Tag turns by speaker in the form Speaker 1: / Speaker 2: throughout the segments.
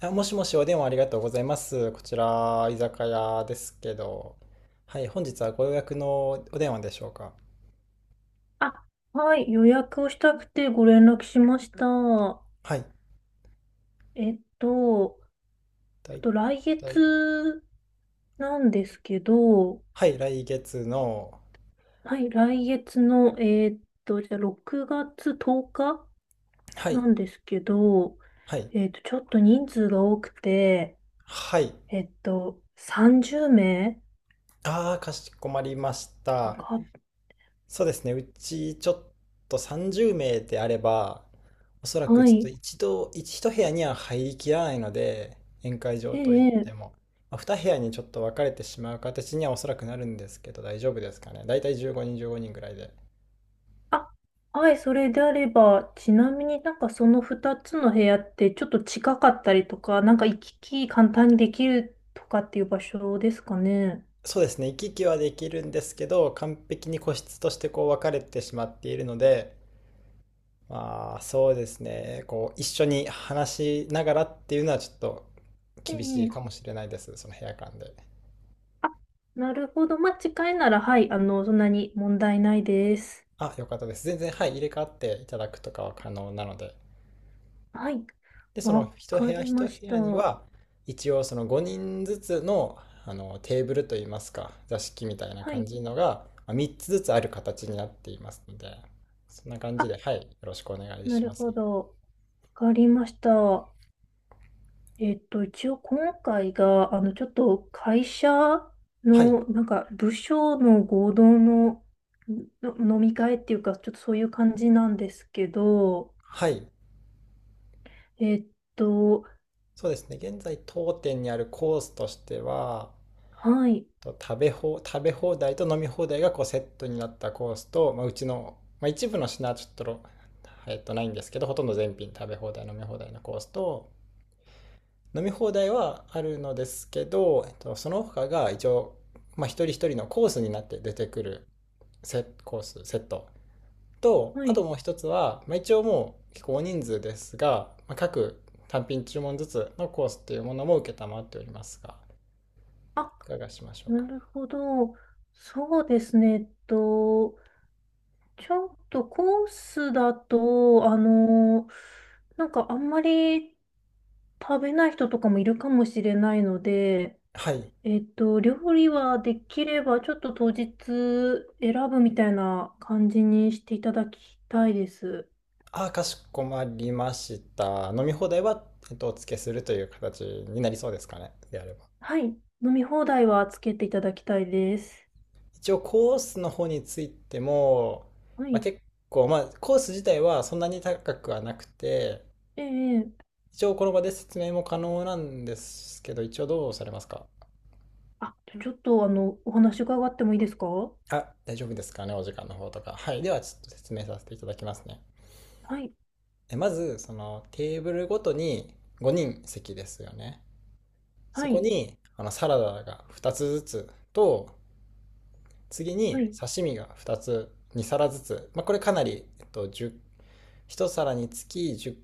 Speaker 1: あ、もしもし、お電話ありがとうございます。こちら、居酒屋ですけど。はい、本日はご予約のお電話でしょうか。
Speaker 2: あ、はい、予約をしたくてご連絡しました。
Speaker 1: はい、
Speaker 2: えっと、
Speaker 1: だ
Speaker 2: ちょっ
Speaker 1: い
Speaker 2: と来
Speaker 1: い。
Speaker 2: 月なんですけど、
Speaker 1: はい、来月の、
Speaker 2: はい、来月の、じゃあ6月10日
Speaker 1: はい、
Speaker 2: なんですけど、
Speaker 1: はい、
Speaker 2: ちょっと人数が多くて、
Speaker 1: はい。
Speaker 2: 30名
Speaker 1: ああ、かしこまりまし
Speaker 2: と
Speaker 1: た。
Speaker 2: か、
Speaker 1: そうですね。うちちょっと30名であれば、おそらく
Speaker 2: は
Speaker 1: ちょっと
Speaker 2: い。
Speaker 1: 一度、一部屋には入りきらないので、宴会場といって
Speaker 2: ええ。
Speaker 1: も、まあ、2部屋にちょっと分かれてしまう形にはおそらくなるんですけど、大丈夫ですかね。だいたい15人、15人ぐらいで。
Speaker 2: あ、はい、それであれば、ちなみになんかその2つの部屋ってちょっと近かったりとか、なんか行き来簡単にできるとかっていう場所ですかね。
Speaker 1: そうですね。行き来はできるんですけど、完璧に個室としてこう分かれてしまっているので、まあ、そうですね。こう一緒に話しながらっていうのはちょっと
Speaker 2: え
Speaker 1: 厳し
Speaker 2: え。
Speaker 1: いかもしれないです。その部屋間で。
Speaker 2: あ、なるほど。まあ、近いなら、はい、そんなに問題ないです。
Speaker 1: あ、よかったです。全然、はい、入れ替わっていただくとかは可能なので。
Speaker 2: はい。
Speaker 1: で、その
Speaker 2: わ
Speaker 1: 一部
Speaker 2: か
Speaker 1: 屋
Speaker 2: りま
Speaker 1: 一部
Speaker 2: した。
Speaker 1: 屋に
Speaker 2: は
Speaker 1: は、一応その5人ずつの、あのテーブルといいますか、座敷みたいな感
Speaker 2: い。
Speaker 1: じのが、まあ、3つずつある形になっていますので、そんな感じ
Speaker 2: あ、
Speaker 1: で、はい、よろしくお願い
Speaker 2: な
Speaker 1: しま
Speaker 2: る
Speaker 1: す。
Speaker 2: ほど。わかりました。一応今回が、ちょっと会社
Speaker 1: はい、
Speaker 2: の、なんか、部署の合同の飲み会っていうか、ちょっとそういう感じなんですけど、
Speaker 1: はい。
Speaker 2: えっと、
Speaker 1: そうですね。現在当店にあるコースとしては、
Speaker 2: はい、
Speaker 1: と食べ放題と飲み放題がこうセットになったコースと、まあ、うちの、まあ、一部の品はちょっとないんですけど、ほとんど全品食べ放題飲み放題のコースと、飲み放題はあるのですけど、その他が一応、まあ、一人一人のコースになって出てくるコースセットと、
Speaker 2: は
Speaker 1: あと
Speaker 2: い。
Speaker 1: もう一つは、まあ、一応もう結構大人数ですが、まあ、各単品注文ずつのコースっていうものも承っておりますが、
Speaker 2: あ、
Speaker 1: いかがしましょうか
Speaker 2: な
Speaker 1: ね。
Speaker 2: るほど。そうですね。ちょっとコースだと、なんかあんまり食べない人とかもいるかもしれないので、
Speaker 1: はい。
Speaker 2: 料理はできれば、ちょっと当日選ぶみたいな感じにしていただきたいです。
Speaker 1: あ、かしこまりました。飲み放題は、お付けするという形になりそうですかね。であれば。
Speaker 2: はい。飲み放題はつけていただきたいです。
Speaker 1: 一応、コースの方についても、
Speaker 2: は
Speaker 1: まあ、
Speaker 2: い。
Speaker 1: 結構、まあ、コース自体はそんなに高くはなくて、
Speaker 2: ええ。
Speaker 1: 一応、この場で説明も可能なんですけど、一応どうされますか。
Speaker 2: あ、ちょっと、お話伺ってもいいですか？は
Speaker 1: あ、大丈夫ですかね、お時間の方とか。はい。では、ちょっと説明させていただきますね。
Speaker 2: い。
Speaker 1: え、まず、その、テーブルごとに5人席ですよね。そ
Speaker 2: は
Speaker 1: こ
Speaker 2: い。
Speaker 1: に、あの、サラダが2つずつと、次
Speaker 2: は
Speaker 1: に
Speaker 2: い。
Speaker 1: 刺身が2つに皿ずつ、まあ、これかなり、10皿につき10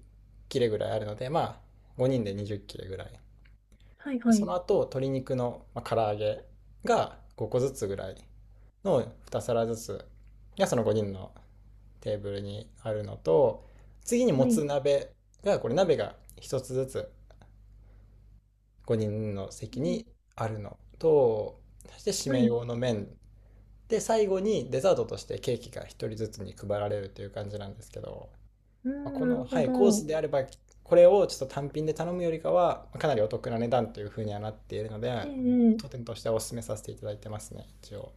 Speaker 1: 切れぐらいあるので、まあ5人で20切れぐらい。
Speaker 2: はい。は
Speaker 1: そ
Speaker 2: い。
Speaker 1: の後鶏肉の、まあ、唐揚げが5個ずつぐらいの2皿ずつがその5人のテーブルにあるのと、次に
Speaker 2: は
Speaker 1: もつ
Speaker 2: い。
Speaker 1: 鍋が、これ鍋が1つずつ5人の
Speaker 2: う
Speaker 1: 席
Speaker 2: ん。
Speaker 1: にあるのと、そして締
Speaker 2: は
Speaker 1: め
Speaker 2: い。
Speaker 1: 用の麺で、最後にデザートとしてケーキが一人ずつに配られるという感じなんですけど、
Speaker 2: うん、
Speaker 1: こ
Speaker 2: な
Speaker 1: の、
Speaker 2: るほ
Speaker 1: はい、コース
Speaker 2: ど。
Speaker 1: であれば、これをちょっと単品で頼むよりかはかなりお得な値段というふうにはなっているので、
Speaker 2: え
Speaker 1: 当
Speaker 2: え。
Speaker 1: 店としてはお勧めさせていただいてますね、一応。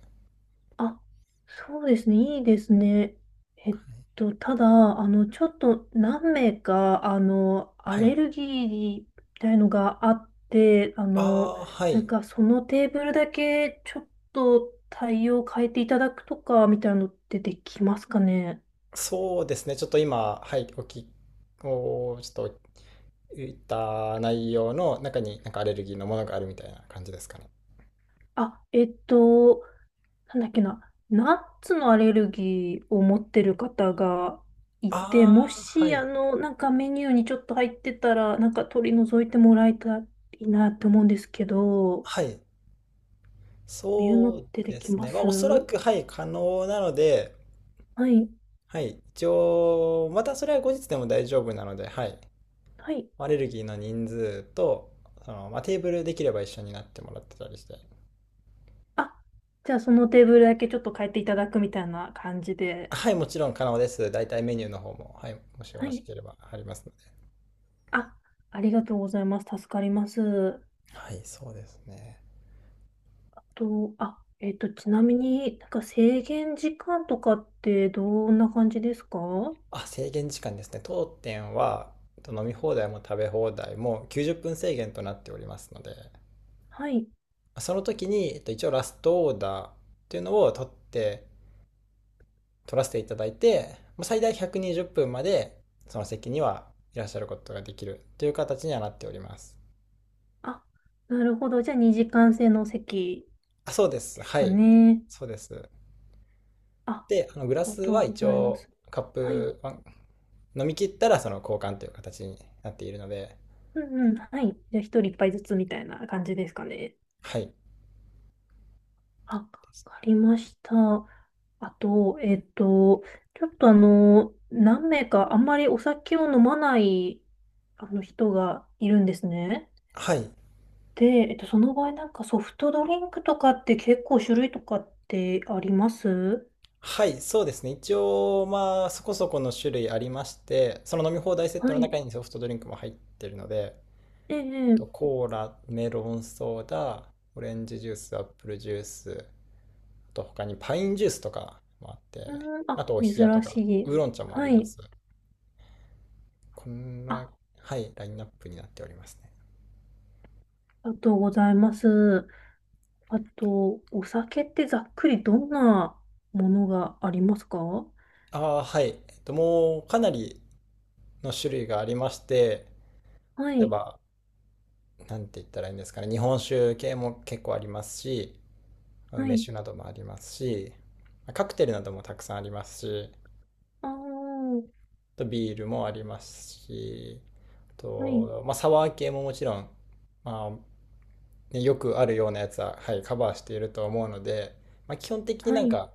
Speaker 2: あ、そうですね。いいですね。えっただ、ちょっと何名か、ア
Speaker 1: はい。
Speaker 2: レルギーみたいのがあって、
Speaker 1: ああ、は
Speaker 2: な
Speaker 1: い、
Speaker 2: んかそのテーブルだけちょっと対応変えていただくとか、みたいなのってできますかね。
Speaker 1: そうですね。ちょっと今、はい、お聞きおちょっと言った内容の中になんかアレルギーのものがあるみたいな感じですかね。
Speaker 2: あ、なんだっけな、ナッツのアレルギーを持ってる方がいて、
Speaker 1: あ
Speaker 2: も
Speaker 1: あ、は
Speaker 2: し、
Speaker 1: い。
Speaker 2: なんかメニューにちょっと入ってたら、なんか取り除いてもらえたらいいなって思うんですけど、こ
Speaker 1: はい、
Speaker 2: ういうの
Speaker 1: そ
Speaker 2: っ
Speaker 1: う
Speaker 2: てで
Speaker 1: で
Speaker 2: き
Speaker 1: す
Speaker 2: ま
Speaker 1: ね。まあ、おそら
Speaker 2: す？
Speaker 1: く、はい、可能なので、
Speaker 2: はい、
Speaker 1: はい、一応、またそれは後日でも大丈夫なので、はい、
Speaker 2: はい。
Speaker 1: アレルギーの人数と、その、まあ、テーブルできれば一緒になってもらってたりして。
Speaker 2: あ、じゃあそのテーブルだけちょっと変えていただくみたいな感じで。
Speaker 1: はい、もちろん可能です。大体メニューの方も、はい、もしよ
Speaker 2: は
Speaker 1: ろし
Speaker 2: い。
Speaker 1: ければありますので。
Speaker 2: あ、ありがとうございます。助かります。
Speaker 1: はい、そうですね。
Speaker 2: と、あ、ちなみになんか制限時間とかってどんな感じですか？
Speaker 1: あ、制限時間ですね。当店は、飲み放題も食べ放題も90分制限となっておりますので、
Speaker 2: はい。
Speaker 1: その時に、一応ラストオーダーっていうのを取って、取らせていただいて、最大120分までその席にはいらっしゃることができるという形にはなっております。
Speaker 2: あ、なるほど。じゃあ、2時間制の席
Speaker 1: あ、そうです。
Speaker 2: です
Speaker 1: は
Speaker 2: か
Speaker 1: い。
Speaker 2: ね。
Speaker 1: そうです。
Speaker 2: あ、あ
Speaker 1: で、あのグ
Speaker 2: り
Speaker 1: ラ
Speaker 2: が
Speaker 1: ス
Speaker 2: とう
Speaker 1: は
Speaker 2: ご
Speaker 1: 一
Speaker 2: ざいま
Speaker 1: 応
Speaker 2: す。
Speaker 1: カッ
Speaker 2: はい。
Speaker 1: プは飲み切ったらその交換という形になっているので、
Speaker 2: うんうん。はい。じゃあ、1人一杯ずつみたいな感じですかね。
Speaker 1: はい。
Speaker 2: あ、わかりました。あと、ちょっとあの、何名かあんまりお酒を飲まないあの人がいるんですね。
Speaker 1: はい。
Speaker 2: で、その場合なんかソフトドリンクとかって結構種類とかってあります？
Speaker 1: はい、そうですね。一応、まあ、そこそこの種類ありまして、その飲み放題セット
Speaker 2: は
Speaker 1: の
Speaker 2: い。
Speaker 1: 中にソフトドリンクも入ってるので、
Speaker 2: ええ、
Speaker 1: と
Speaker 2: ええ。
Speaker 1: コーラ、メロンソーダ、オレンジジュース、アップルジュース、あと他にパインジュースとかもあって、
Speaker 2: うーん、
Speaker 1: あ
Speaker 2: あ、
Speaker 1: とお冷やと
Speaker 2: 珍
Speaker 1: か、
Speaker 2: しい。
Speaker 1: ウーロン茶もあり
Speaker 2: は
Speaker 1: ま
Speaker 2: い。
Speaker 1: す。こん
Speaker 2: あ、
Speaker 1: な、
Speaker 2: あ
Speaker 1: はい、ラインナップになっておりますね。
Speaker 2: りがとうございます。あと、お酒ってざっくりどんなものがありますか？は
Speaker 1: ああ、はい。もうかなりの種類がありまして、例え
Speaker 2: い、
Speaker 1: ば、なんて言ったらいいんですかね、日本酒系も結構ありますし、まあ
Speaker 2: は
Speaker 1: 梅
Speaker 2: い、
Speaker 1: 酒などもありますし、まあカクテルなどもたくさんありますし、あ
Speaker 2: あー、
Speaker 1: とビールもありますし、あ
Speaker 2: はい、
Speaker 1: と、まあ、サワー系ももちろん、まあ、ね、よくあるようなやつは、はい、カバーしていると思うので、まあ、基本的に
Speaker 2: は
Speaker 1: なん
Speaker 2: い、
Speaker 1: か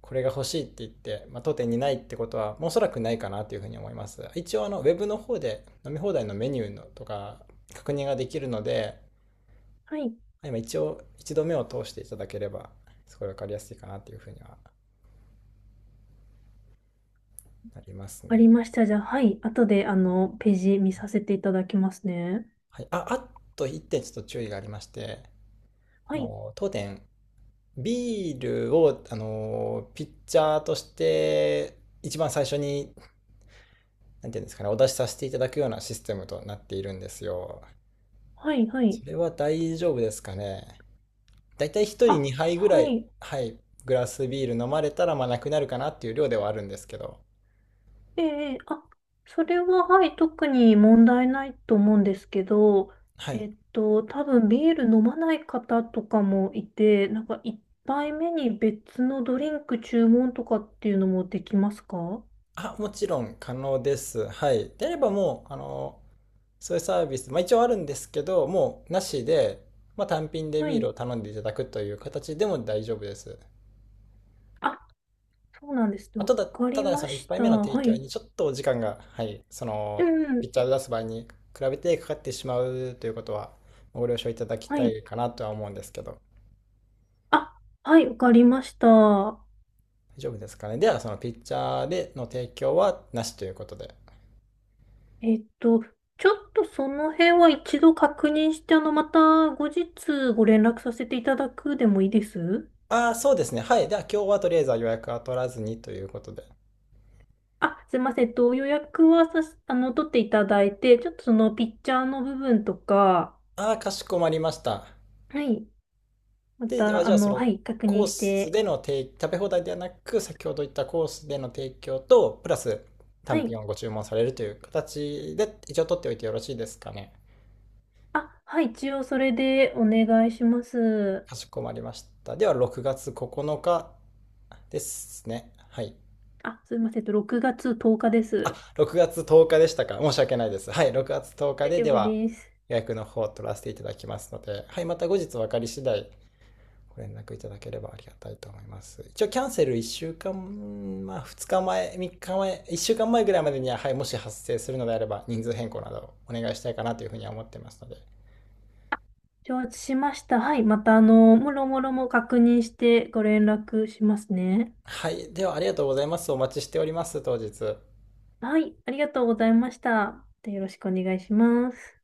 Speaker 1: これが欲しいって言って、まあ、当店にないってことは、おそらくないかなというふうに思います。一応あのウェブの方で飲み放題のメニューのとか確認ができるので、
Speaker 2: はい。
Speaker 1: まあ今一応一度目を通していただければ、すごい分かりやすいかなというふうにはなります
Speaker 2: あり
Speaker 1: ね。
Speaker 2: ました。じゃあ、はい。後で、ページ見させていただきますね。
Speaker 1: はい、ああと1点ちょっと注意がありまして、
Speaker 2: は
Speaker 1: あ
Speaker 2: い、
Speaker 1: の当店ビールをあのピッチャーとして一番最初に、なんていうんですかね、お出しさせていただくようなシステムとなっているんですよ。
Speaker 2: はい、はい。
Speaker 1: それは大丈夫ですかね。だいたい1人
Speaker 2: あ、
Speaker 1: 2杯ぐら
Speaker 2: は
Speaker 1: い、
Speaker 2: い。
Speaker 1: はい、グラスビール飲まれたら、まあなくなるかなっていう量ではあるんですけど。
Speaker 2: ええ、あ、それは、はい、特に問題ないと思うんですけど、
Speaker 1: はい。
Speaker 2: 多分ビール飲まない方とかもいて、なんか一杯目に別のドリンク注文とかっていうのもできますか？は
Speaker 1: あ、もちろん可能です。はい。であればもう、あの、そういうサービス、まあ一応あるんですけど、もうなしで、まあ単品でビール
Speaker 2: い。
Speaker 1: を頼んでいただくという形でも大丈夫です。
Speaker 2: あ、そうなんですね。
Speaker 1: あ、
Speaker 2: わ
Speaker 1: ただ、
Speaker 2: か
Speaker 1: た
Speaker 2: り
Speaker 1: だそ
Speaker 2: ま
Speaker 1: の1
Speaker 2: し
Speaker 1: 杯
Speaker 2: た。
Speaker 1: 目の提
Speaker 2: は
Speaker 1: 供
Speaker 2: い。
Speaker 1: にちょっと時間が、はい、そ
Speaker 2: う
Speaker 1: のピッ
Speaker 2: ん。
Speaker 1: チャーを出す場合に比べてかかってしまうということはご了承いただき
Speaker 2: は
Speaker 1: た
Speaker 2: い。
Speaker 1: いかなとは思うんですけど、
Speaker 2: あ、はい、わかりました。
Speaker 1: 大丈夫ですかね。では、そのピッチャーでの提供はなしということで。
Speaker 2: えっと、ちょっとその辺は一度確認して、また後日ご連絡させていただくでもいいです？
Speaker 1: ああ、そうですね。はい。では、今日はとりあえずは予約は取らずにということで。
Speaker 2: あ、すいません。予約はさし、あの、取っていただいて、ちょっとそのピッチャーの部分とか、
Speaker 1: ああ、かしこまりました。
Speaker 2: はい。ま
Speaker 1: で、あ、
Speaker 2: た、
Speaker 1: じゃあ、その
Speaker 2: はい、確
Speaker 1: コ
Speaker 2: 認
Speaker 1: ー
Speaker 2: し
Speaker 1: ス
Speaker 2: て、
Speaker 1: での提食べ放題ではなく、先ほど言ったコースでの提供と、プラス
Speaker 2: は
Speaker 1: 単
Speaker 2: い。
Speaker 1: 品をご注文されるという形で一応取っておいてよろしいですかね。
Speaker 2: あ、はい、一応それでお願いします。
Speaker 1: かしこまりました。では6月9日ですね。はい。
Speaker 2: あ、すいません。6月10日です。
Speaker 1: 6月10日でしたか。申し訳ないです。はい。6月10日
Speaker 2: 大
Speaker 1: で、
Speaker 2: 丈
Speaker 1: で
Speaker 2: 夫
Speaker 1: は
Speaker 2: です。
Speaker 1: 予約の方を取らせていただきますので、はい。また後日分かり次第ご連絡いただければありがたいと思います。一応キャンセル1週間、まあ2日前、3日前、1週間前ぐらいま
Speaker 2: あ、
Speaker 1: でには、はい、もし発生するのであれば人数変更などお願いしたいかなというふうには思ってますので。
Speaker 2: 承知しました。はい。また、もろもろも確認してご連絡しますね。
Speaker 1: はい。ではありがとうございます。お待ちしております、当日。
Speaker 2: はい。ありがとうございました。でよろしくお願いします。